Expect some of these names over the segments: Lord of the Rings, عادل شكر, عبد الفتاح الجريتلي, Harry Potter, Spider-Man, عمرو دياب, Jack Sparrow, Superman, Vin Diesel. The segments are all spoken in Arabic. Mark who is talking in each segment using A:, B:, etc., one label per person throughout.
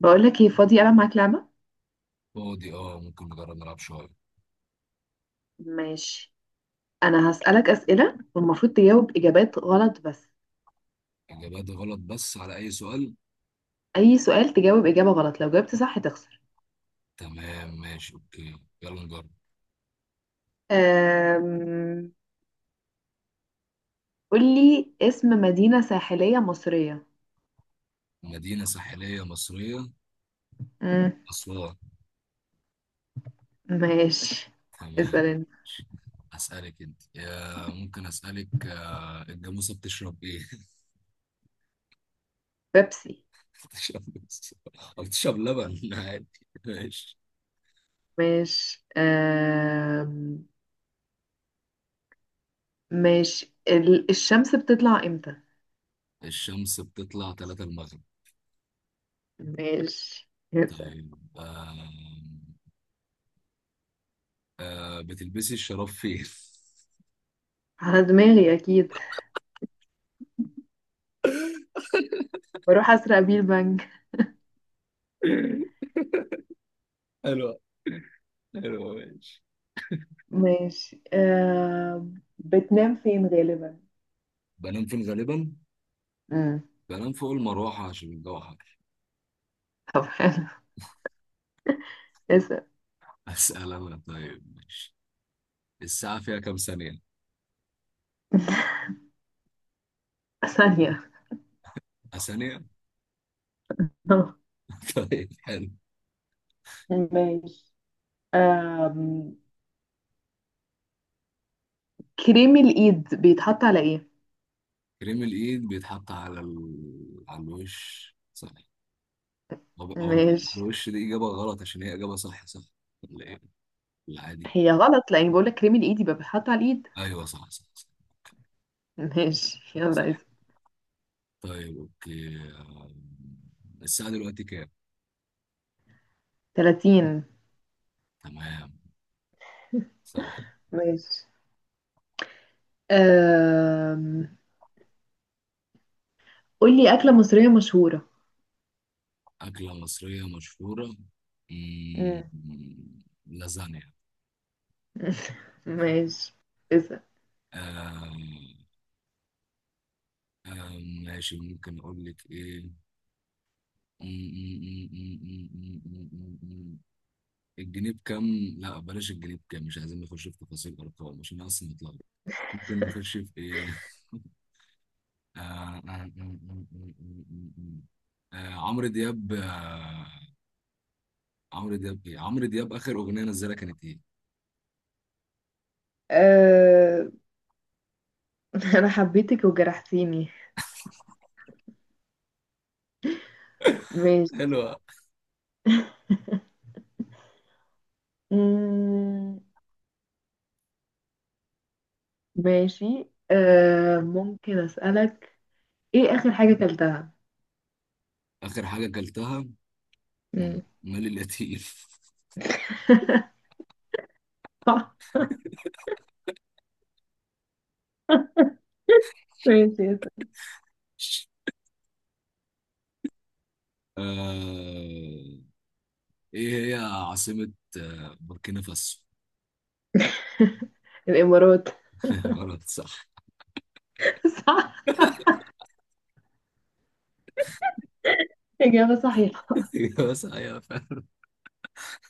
A: بقولك ايه فاضي ألعب معاك لعبة؟
B: فاضي، ممكن نجرب نلعب شوية.
A: ماشي. أنا هسألك أسئلة والمفروض تجاوب إجابات غلط بس.
B: إجابات غلط بس على أي سؤال؟
A: أي سؤال تجاوب إجابة غلط، لو جاوبت صح تخسر.
B: تمام، ماشي، أوكي، يلا نجرب.
A: أم... قولي اسم مدينة ساحلية مصرية.
B: مدينة ساحلية مصرية.
A: مم.
B: أسوان.
A: ماشي.
B: تمام،
A: اسأل انت.
B: ماشي. أسألك أنت، يا ممكن أسألك. آه، الجاموسة بتشرب إيه؟
A: بيبسي.
B: بتشرب بس- أو بتشرب لبن عادي. ماشي.
A: ماشي. ماشي. الشمس بتطلع امتى؟
B: الشمس بتطلع تلاتة المغرب.
A: ماشي، اسأل.
B: طيب، بتلبسي الشراب فين؟
A: على دماغي أكيد. بروح أسرق بيه البنك.
B: حلو، حلو، ماشي.
A: ماشي. بتنام فين غالبا؟
B: بنام فين غالبا؟
A: امم
B: بنام فوق المروحة عشان الجو حر.
A: طب حلو. اسأل.
B: أسأل أنا، طيب، ماشي. الساعة فيها كام ثانية؟
A: ثانية.
B: آه، ثانية؟ طيب، حلو.
A: ماشي. آم... كريم الإيد بيتحط على إيه؟
B: كريم الإيد بيتحط على على الوش، صحيح. هو بيتحط على
A: ماشي.
B: الوش، دي إجابة غلط عشان هي إجابة صح صح. ولا إيه؟ العادي.
A: هي غلط لأني بقولك كريم الإيد يبقى بيتحط على الإيد.
B: أيوه، صح صح صح،
A: ماشي يلا
B: صح.
A: اسأل.
B: طيب، أوكي، الساعة دلوقتي كام؟
A: 30.
B: تمام، صح.
A: ماشي. أم... قولي أكلة مصرية مشهورة.
B: أكلة مصرية مشهورة.
A: مم.
B: لازانيا.
A: ماشي. اسأل.
B: آه آه ماشي، ممكن اقول لك ايه م- م- م- م- م- م- م- م- م. الجنيه بكام؟ لا، بلاش الجنيه بكام، مش عايزين نخش في تفاصيل ارقام عشان أنا اصلا متلخبط. ممكن نخش في ايه؟ آه آه آه آه آه آه آه، عمرو دياب اخر اغنيه نزلها كانت ايه؟
A: آه... أنا حبيتك وجرحتيني. ماشي.
B: حلوة.
A: مم. ماشي، ممكن أسألك. إيه آخر حاجة أكلتها؟
B: اخر حاجه اكلتها.
A: مم.
B: مالي القتيف.
A: صح. ماشي، اسأل.
B: آه... ايه هي عاصمة بوركينا فاسو؟
A: الإمارات.
B: غلط صح.
A: صح. إجابة صحيحة.
B: بس ايوه، فاهم.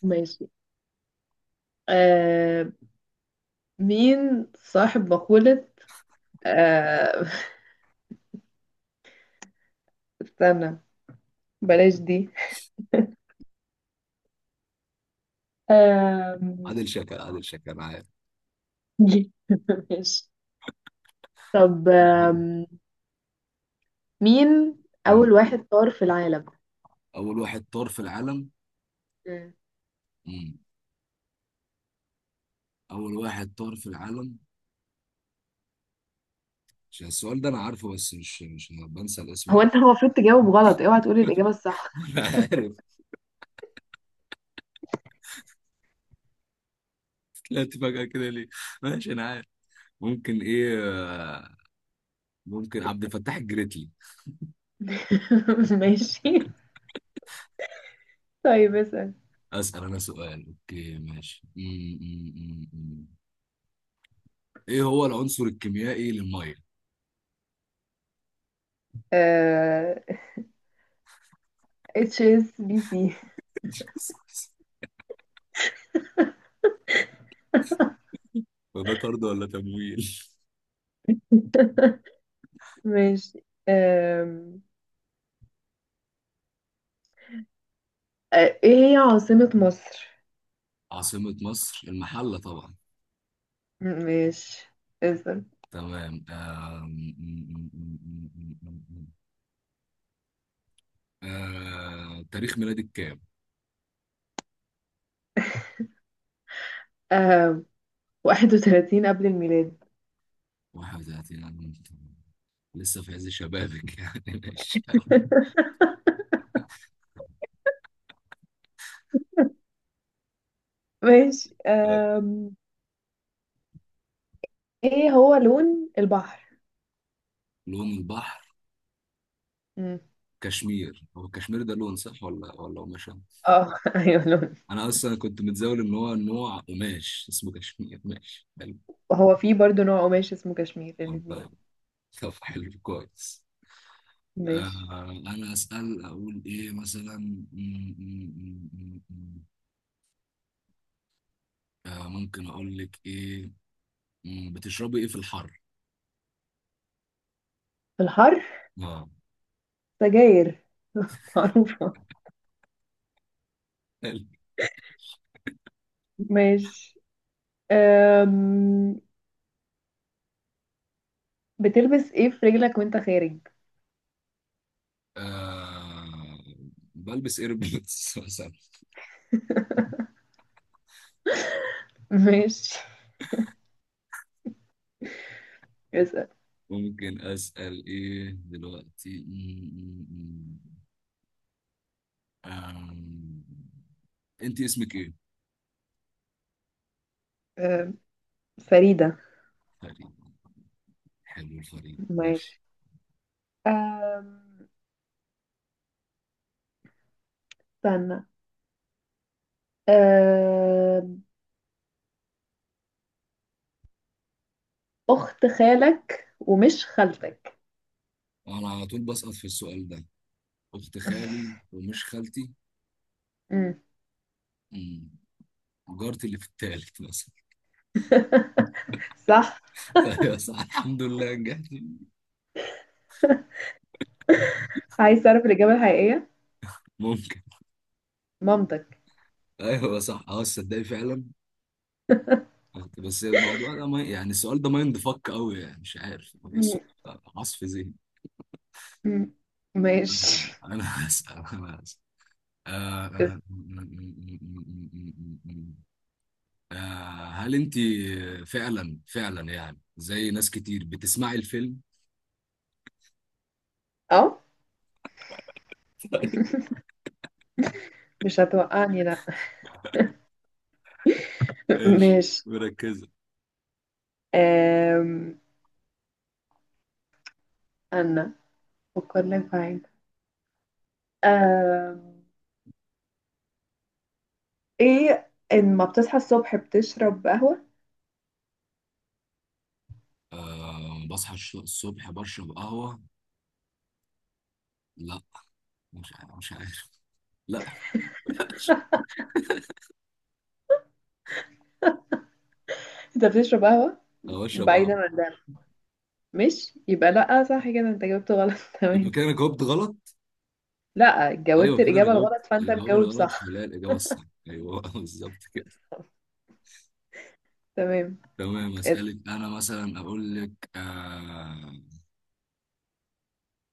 A: ماشي. آه مين صاحب مقولة؟ آه استنى. بلاش دي. آم،
B: عادل شكر، عادل شكر عارف.
A: دي. ماشي. طب مين
B: مم.
A: أول واحد طار في العالم؟
B: اول واحد طار في العالم.
A: مم.
B: مم. اول واحد طار في العالم، عشان السؤال ده انا عارفه بس مش بنسى الاسم
A: هو
B: على
A: أنت
B: طول.
A: المفروض تجاوب غلط، اوعى تقولي الإجابة الصح.
B: انا عارف. طلعت فجأة كده ليه؟ ماشي، انا عارف. ممكن ايه، آه، ممكن عبد الفتاح الجريتلي.
A: ماشي. طيب اسأل.
B: اسأل انا سؤال، اوكي، ماشي، ايه هو العنصر الكيميائي للميه؟
A: آه... اتش اس بي سي.
B: وده طرد ولا تمويل؟
A: ماشي، آم، آه، ايه هي عاصمة مصر؟
B: عاصمة مصر المحلة طبعا.
A: ماشي. اسم.
B: تمام، آم، م- م- م- م- م- م- م. آه، تاريخ ميلادك كام؟
A: 31 قبل الميلاد.
B: 31 أنا؟ لسه في عز شبابك يعني، ماشي.
A: ماشي.
B: طيب.
A: ايه هو لون البحر؟
B: لون البحر.
A: مم.
B: كشمير، هو كشمير ده لون صح ولا قماشة؟
A: اه، ايوه لون.
B: أنا أصلا كنت متزاول إن هو نوع قماش اسمه كشمير، ماشي، حلو.
A: وهو في برضه نوع قماش اسمه كشمير الاثنين.
B: والله. طب، حلو، كويس.
A: ماشي.
B: آه، أنا أسأل أقول إيه مثلا آه، ممكن أقول لك إيه. بتشربي ايه في الحر؟
A: الحر.
B: اه.
A: سجاير. معروفة.
B: حلو.
A: ماشي. أم... بتلبس ايه في رجلك وانت خارج؟
B: آه، بلبس ايربودز مثلا.
A: ماشي، اسأل.
B: ممكن اسال ايه دلوقتي م- م- م. آم، انت اسمك ايه؟
A: فريدة.
B: فريد. حلو، الفريد، ماشي.
A: ماشي. أم، استنى. أم، أخت خالك ومش خالتك.
B: انا على طول بسقط في السؤال ده. اخت خالي ومش خالتي.
A: مم.
B: مم. جارتي اللي في التالت مثلا.
A: صح.
B: ايوه، صح، الحمد لله نجحت.
A: عايز تعرف الإجابة الحقيقية؟
B: ممكن.
A: مامتك.
B: ايوه صح، تصدقي فعلا. بس الموضوع ده ما يعني، السؤال ده مايند فك قوي يعني، مش عارف بحسه.
A: مم.
B: عصف ذهني.
A: مم. ماشي.
B: انا هسأل، انا هسأل، آه، آه،
A: بس-
B: م- م- م- م- آه، هل انت فعلا فعلا يعني زي ناس كتير بتسمعي الفيلم.
A: اه، مش هتوقعني لا.
B: ايش
A: ماشي.
B: مركزة.
A: أم، أنا أفكر لك في حاجة. أم، إيه لما بتصحى الصبح بتشرب قهوة؟
B: آه، بصحى الصبح بشرب قهوة. لا. مش عارف، مش عارف. لا.
A: أنت بتشرب قهوة
B: انا بشرب
A: بعيدا
B: قهوة.
A: عن ده. مش يبقى لأ، صح كده أنت جاوبت غلط.
B: يبقى
A: تمام.
B: كده انا جاوبت غلط.
A: لا،
B: ايوه
A: جاوبت
B: كده انا
A: الإجابة
B: جاوبت
A: الغلط فأنت
B: الجواب
A: مجاوب
B: الغلط،
A: صح.
B: فلا الاجابه الصح. ايوه، بالظبط كده.
A: تمام.
B: تمام،
A: اسأل.
B: اسالك انا مثلا اقول لك، آه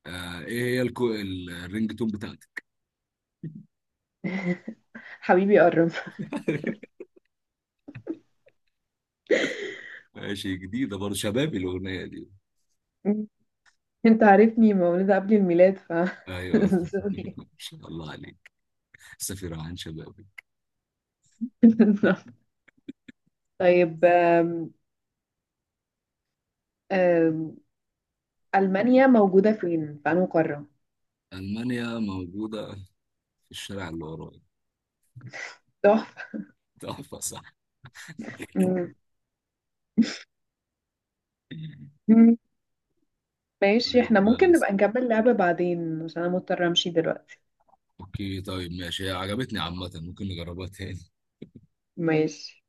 B: آه ايه هي الرينج تون بتاعتك؟
A: حبيبي قرب.
B: ماشي، جديده برضه شبابي الاغنيه دي.
A: انت عارفني مولودة قبل الميلاد ف.
B: ايوه.
A: سوري.
B: ما شاء الله عليك. سفير عن شبابي.
A: طيب آم، ألمانيا موجودة فين؟ في أنهي قارة؟
B: المانيا موجوده في الشارع اللي ورايا.
A: تحفة.
B: تحفه صح.
A: مم. مم. ماشي،
B: طيب،
A: احنا ممكن
B: بس.
A: نبقى نكمل لعبة بعدين عشان أنا مضطرة أمشي دلوقتي.
B: اوكي، طيب، ماشي، هي عجبتني عامه، ممكن نجربها تاني.
A: ماشي.